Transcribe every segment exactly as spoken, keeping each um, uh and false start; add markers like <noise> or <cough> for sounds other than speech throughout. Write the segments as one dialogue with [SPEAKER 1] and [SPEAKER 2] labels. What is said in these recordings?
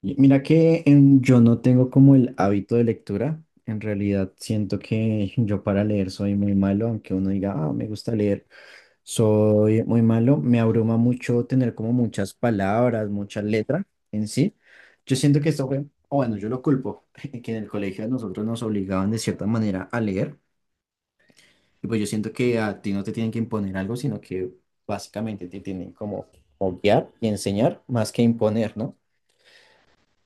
[SPEAKER 1] Y mira que em, yo no tengo como el hábito de lectura. En realidad siento que <laughs> yo para leer soy muy malo, aunque uno diga, ah, me gusta leer, soy muy malo. Me abruma mucho tener como muchas palabras, muchas letras en sí. Yo siento que esto fue, o bueno, yo lo culpo, <laughs> que en el colegio a nosotros nos obligaban de cierta manera a leer. Y pues yo siento que a ti no te tienen que imponer algo, sino que básicamente te tienen como guiar y enseñar más que imponer, ¿no?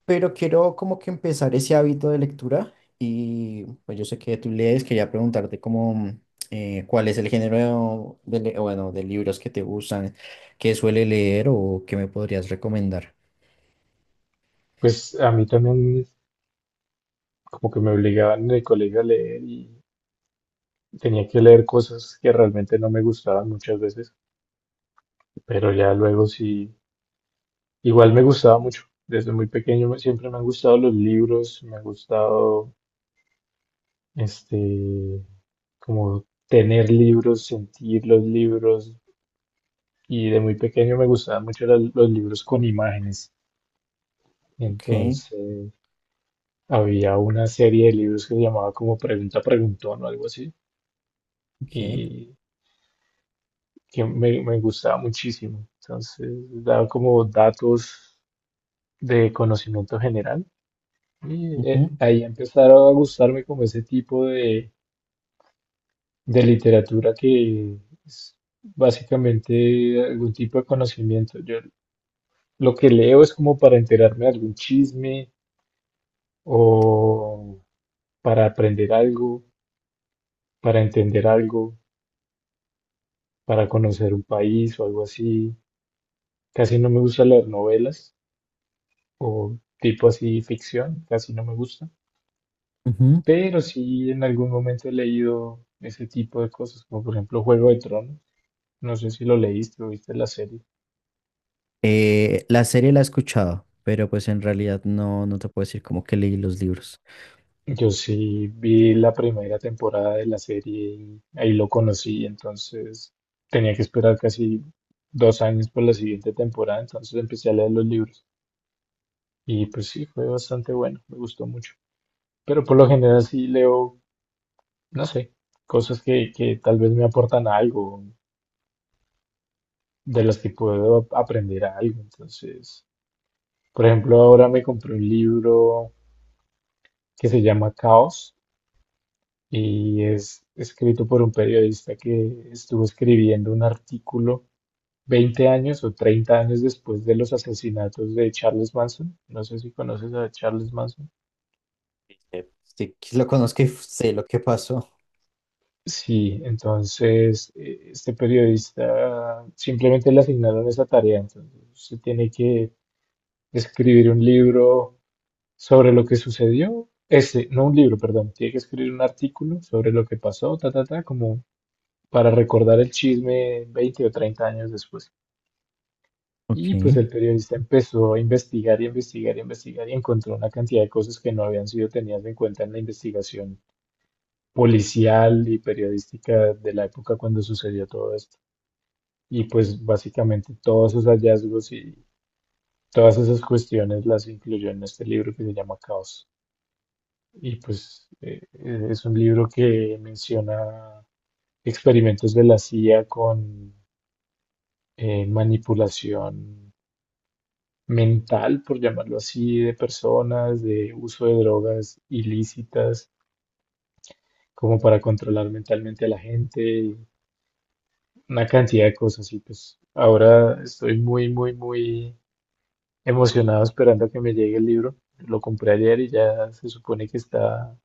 [SPEAKER 1] Pero quiero como que empezar ese hábito de lectura. Y pues yo sé que tú lees, quería preguntarte como eh, cuál es el género de, le- bueno, de libros que te gustan, que suele leer o que me podrías recomendar.
[SPEAKER 2] Pues a mí también como que me obligaban en el colegio a leer y tenía que leer cosas que realmente no me gustaban muchas veces, pero ya luego sí, igual me gustaba mucho. Desde muy pequeño me- siempre me han gustado los libros, me ha gustado este como tener libros, sentir los libros y de muy pequeño me gustaban mucho las- los libros con imágenes.
[SPEAKER 1] Ok,
[SPEAKER 2] Entonces había una serie de libros que se llamaba como Pregunta Preguntón o algo así.
[SPEAKER 1] ok.
[SPEAKER 2] Y que me, me gustaba muchísimo. Entonces, daba como datos de conocimiento general. Y eh,
[SPEAKER 1] Ujú,
[SPEAKER 2] ahí empezaron a gustarme como ese tipo de, de literatura que es básicamente algún tipo de conocimiento. Yo lo que leo es como para enterarme de algún chisme o para aprender algo, para entender algo, para conocer un país o algo así. Casi no me gusta leer novelas o tipo así ficción, casi no me gusta.
[SPEAKER 1] ujú.
[SPEAKER 2] Pero sí en algún momento he leído ese tipo de cosas, como por ejemplo Juego de Tronos. No sé si lo leíste o viste la serie.
[SPEAKER 1] Eh, la serie la he escuchado, pero pues en realidad no, no te puedo decir como que leí los libros.
[SPEAKER 2] Yo sí vi la primera temporada de la serie y ahí lo conocí, entonces tenía que esperar casi dos años por la siguiente temporada, entonces empecé a leer los libros y pues sí, fue bastante bueno, me gustó mucho. Pero por lo general sí leo, no sé, cosas que, que tal vez me aportan algo, de las que puedo aprender algo, entonces. Por ejemplo, ahora me compré un libro que se llama Caos y es escrito por un periodista que estuvo escribiendo un artículo veinte años o treinta años después de los asesinatos de Charles Manson. No sé si conoces a Charles Manson.
[SPEAKER 1] Eh, Sí, que lo conozco y sé lo que pasó.
[SPEAKER 2] Sí, entonces eh, este periodista simplemente le asignaron esa tarea, entonces se tiene que escribir un libro sobre lo que sucedió, ese, no un libro, perdón, tiene que escribir un artículo sobre lo que pasó, ta, ta, ta, como para recordar el chisme veinte o treinta años después.
[SPEAKER 1] Ok.
[SPEAKER 2] Y pues el periodista empezó a investigar y investigar y investigar y encontró una cantidad de cosas que no habían sido tenidas en cuenta en la investigación policial y periodística de la época cuando sucedió todo esto. Y pues básicamente todos esos hallazgos y todas esas cuestiones las incluyó en este libro que se llama Caos. Y pues eh, eh, es un libro que menciona experimentos de la CIA con eh, manipulación mental, por llamarlo así, de personas, de uso de drogas ilícitas, como para controlar mentalmente a la gente, y una cantidad de cosas. Y pues ahora estoy muy, muy, muy emocionado esperando a que me llegue el libro. Lo compré ayer y ya se supone que está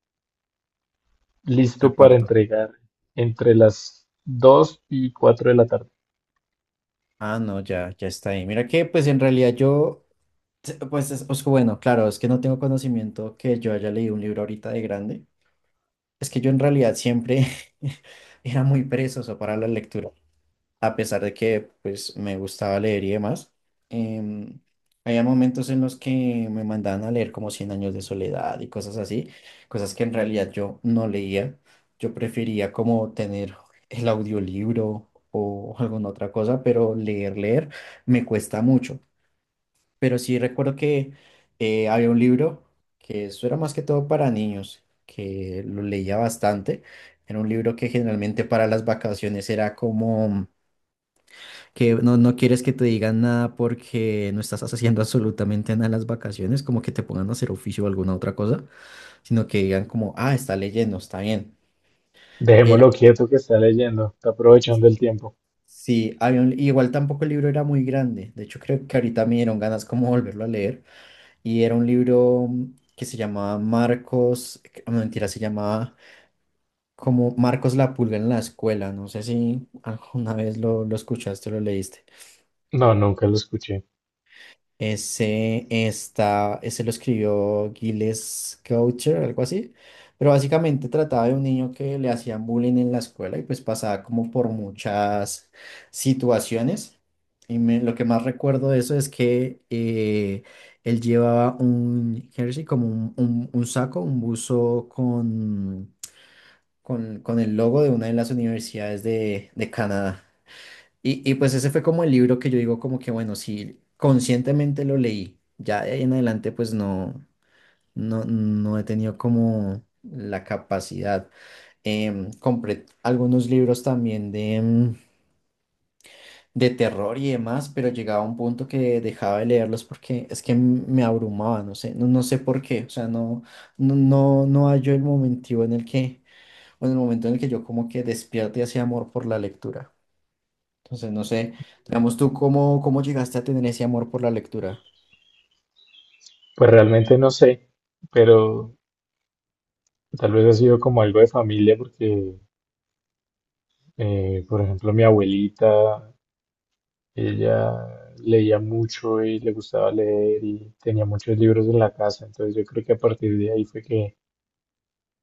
[SPEAKER 2] listo para
[SPEAKER 1] Reparto.
[SPEAKER 2] entregar entre las dos y cuatro de la tarde.
[SPEAKER 1] Ah, no, ya, ya está ahí. Mira que pues en realidad yo. Sí. Pues es, es que bueno, claro, es que no tengo conocimiento que yo haya leído un libro ahorita de grande. Es que yo en realidad siempre <laughs> era muy perezoso para la lectura, a pesar de que pues me gustaba leer y demás. Em, Había momentos en los que me mandaban a leer como Cien años de soledad y cosas así, cosas que en realidad yo no leía. Yo prefería como tener el audiolibro o alguna otra cosa, pero leer, leer me cuesta mucho. Pero sí recuerdo que eh, había un libro que eso era más que todo para niños, que lo leía bastante. Era un libro que generalmente para las vacaciones era como que no, no quieres que te digan nada porque no estás haciendo <laughs> absolutamente nada en las vacaciones, como que te pongan a hacer oficio o alguna otra cosa, sino que digan como, ah, está leyendo, está bien.
[SPEAKER 2] Dejémoslo quieto que está leyendo, está aprovechando el tiempo.
[SPEAKER 1] Sí, había un- igual tampoco el libro era muy grande. De hecho, creo que ahorita me dieron ganas como <laughs> volverlo a leer, y era un libro que se llamaba Marcos, que- no, mentira, se llamaba como Marcos la pulga en la escuela, no sé si alguna vez lo, lo escuchaste o lo leíste.
[SPEAKER 2] No, nunca lo escuché.
[SPEAKER 1] Ese está, ese lo escribió Gilles Gaucher, algo así. Pero básicamente trataba de un niño que le hacían bullying en la escuela y pues pasaba como por muchas situaciones. Y me- lo que más recuerdo de eso es que eh, él llevaba un jersey, como un, un- un saco, un buzo con, con, con el logo de una de las universidades de, de Canadá. Y, y pues ese fue como el libro que yo digo como que bueno, sí conscientemente lo leí, ya de ahí en adelante pues no, no, no he tenido como la capacidad. Em, compré algunos libros también de, em, de terror y demás, pero llegaba a un punto que dejaba de leerlos porque es que m- me abrumaba, no sé, no, no sé por qué, o sea, no, no, no, no hallo el momentivo en el que, o en el momento en el que yo como que despierte ese amor por la lectura. Entonces, no sé, digamos tú, ¿cómo, cómo llegaste a tener ese amor por la lectura?
[SPEAKER 2] Pues realmente no sé, pero tal vez ha sido como algo de familia porque, eh, por ejemplo, mi abuelita, ella leía mucho y le gustaba leer y tenía muchos libros en la casa, entonces yo creo que a partir de ahí fue que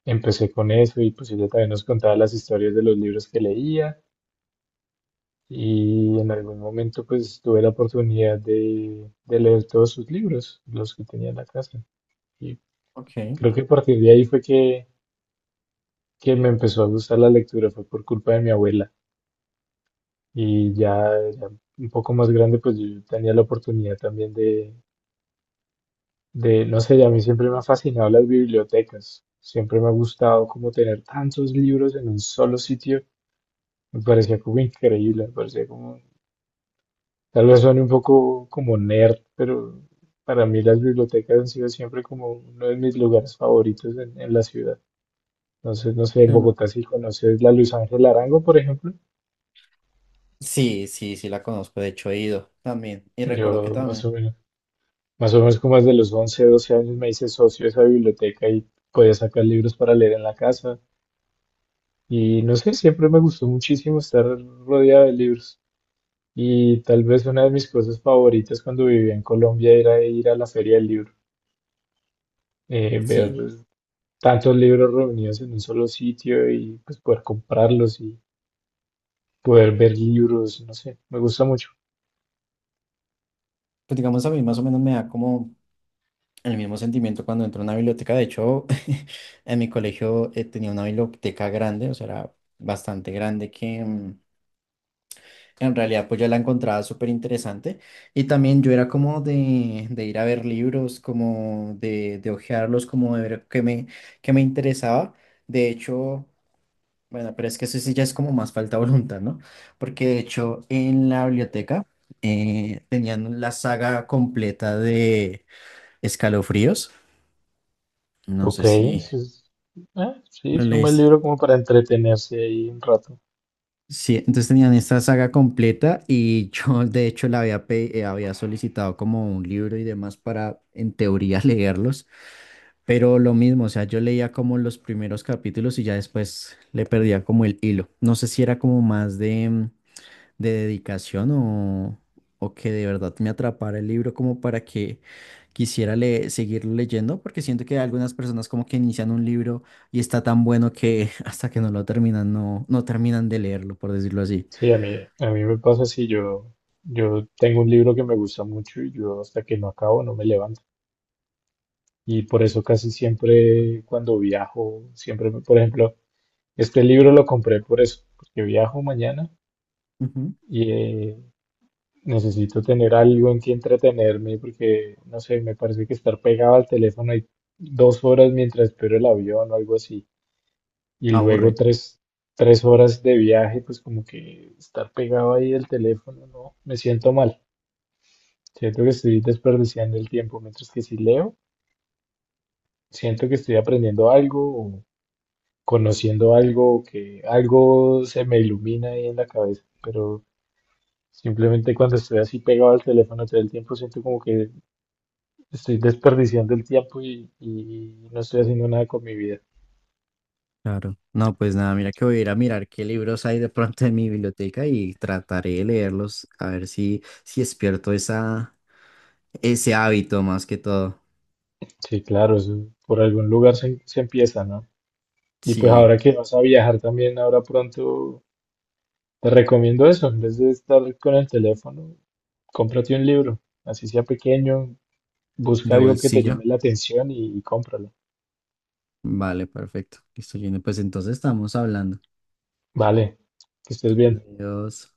[SPEAKER 2] empecé con eso y pues ella también nos contaba las historias de los libros que leía. Y en algún momento pues tuve la oportunidad de, de leer todos sus libros, los que tenía en la casa. Y
[SPEAKER 1] Ok.
[SPEAKER 2] creo que a partir de ahí fue que, que me empezó a gustar la lectura, fue por culpa de mi abuela. Y ya, ya un poco más grande pues yo tenía la oportunidad también de, de, no sé, a mí siempre me han fascinado las bibliotecas. Siempre me ha gustado como tener tantos libros en un solo sitio. Me parecía como increíble, me parecía como tal vez suene un poco como nerd, pero para mí las bibliotecas han sido siempre como uno de mis lugares favoritos en, en la ciudad. Entonces, no sé, en
[SPEAKER 1] Em,
[SPEAKER 2] Bogotá si conoces la Luis Ángel Arango, por ejemplo.
[SPEAKER 1] Sí, sí, sí la conozco, de hecho he ido también y recuerdo que
[SPEAKER 2] Yo más
[SPEAKER 1] también.
[SPEAKER 2] o menos, más o menos como desde los once doce años me hice socio de esa biblioteca y podía sacar libros para leer en la casa. Y no sé, siempre me gustó muchísimo estar rodeado de libros. Y tal vez una de mis cosas favoritas cuando vivía en Colombia era ir a la Feria del Libro, eh, ver
[SPEAKER 1] Sí,
[SPEAKER 2] tantos libros reunidos en un solo sitio y pues poder comprarlos y poder ver libros, no sé, me gusta mucho.
[SPEAKER 1] pues digamos a mí más o menos me da como el mismo sentimiento cuando entro a una biblioteca, de hecho <laughs> en mi colegio eh, tenía una biblioteca grande, o sea, era bastante grande que. mm, En realidad, pues yo la encontraba súper interesante. Y también yo era como de, de ir a ver libros, como de, de hojearlos, como de ver qué me, qué me interesaba. De hecho, bueno, pero es que eso sí ya es como más falta <laughs> de voluntad, ¿no? Porque de hecho en la biblioteca eh, tenían la saga completa de Escalofríos. No sé
[SPEAKER 2] Ok,
[SPEAKER 1] si
[SPEAKER 2] eso es- ah, sí,
[SPEAKER 1] lo
[SPEAKER 2] es un buen
[SPEAKER 1] leíste.
[SPEAKER 2] libro como para entretenerse ahí un rato.
[SPEAKER 1] Sí, entonces tenían esta saga completa y <laughs> yo de hecho la había, pe- eh, había solicitado como un libro y demás para en teoría <laughs> leerlos, pero lo mismo, o sea, yo leía como los primeros capítulos y ya después le perdía como el hilo. No sé si era como más de, mm, de dedicación o, o que de verdad me atrapara el libro como para que quisiera le- seguirlo leyendo, porque siento que algunas personas como que inician un libro y está tan bueno que <laughs> hasta que no lo terminan, no, no terminan de leerlo, por decirlo así.
[SPEAKER 2] Sí, a mí, a mí me pasa así, yo, yo tengo un libro que me gusta mucho y yo hasta que no acabo no me levanto. Y por eso casi siempre cuando viajo, siempre, me- por ejemplo, este libro lo compré por eso, porque viajo mañana
[SPEAKER 1] Ujú.
[SPEAKER 2] y eh, necesito tener algo en que entretenerme porque, no sé, me parece que estar pegado al teléfono ahí dos horas mientras espero el avión o algo así, y luego
[SPEAKER 1] Aburre.
[SPEAKER 2] tres, tres horas de viaje, pues como que estar pegado ahí al teléfono, no, me siento mal. Siento que estoy desperdiciando el tiempo, mientras que si leo, siento que estoy aprendiendo algo o conociendo algo o que algo se me ilumina ahí en la cabeza, pero simplemente cuando estoy así pegado al teléfono todo el tiempo siento como que estoy desperdiciando el tiempo y, y no estoy haciendo nada con mi vida.
[SPEAKER 1] Claro. No, pues nada, mira que voy a ir a mirar qué libros hay de pronto en mi biblioteca y trataré de leerlos a ver si, si despierto esa, ese hábito más que todo.
[SPEAKER 2] Sí, claro, eso por algún lugar se, se empieza, ¿no? Y pues
[SPEAKER 1] Sí,
[SPEAKER 2] ahora que vas a viajar también, ahora pronto, te recomiendo eso, en vez de estar con el teléfono, cómprate un libro, así sea pequeño, busca
[SPEAKER 1] de
[SPEAKER 2] algo que te
[SPEAKER 1] bolsillo.
[SPEAKER 2] llame la atención y, y cómpralo.
[SPEAKER 1] Vale, perfecto. Listo, Gino. Pues entonces estamos hablando.
[SPEAKER 2] Vale, que estés bien.
[SPEAKER 1] Adiós.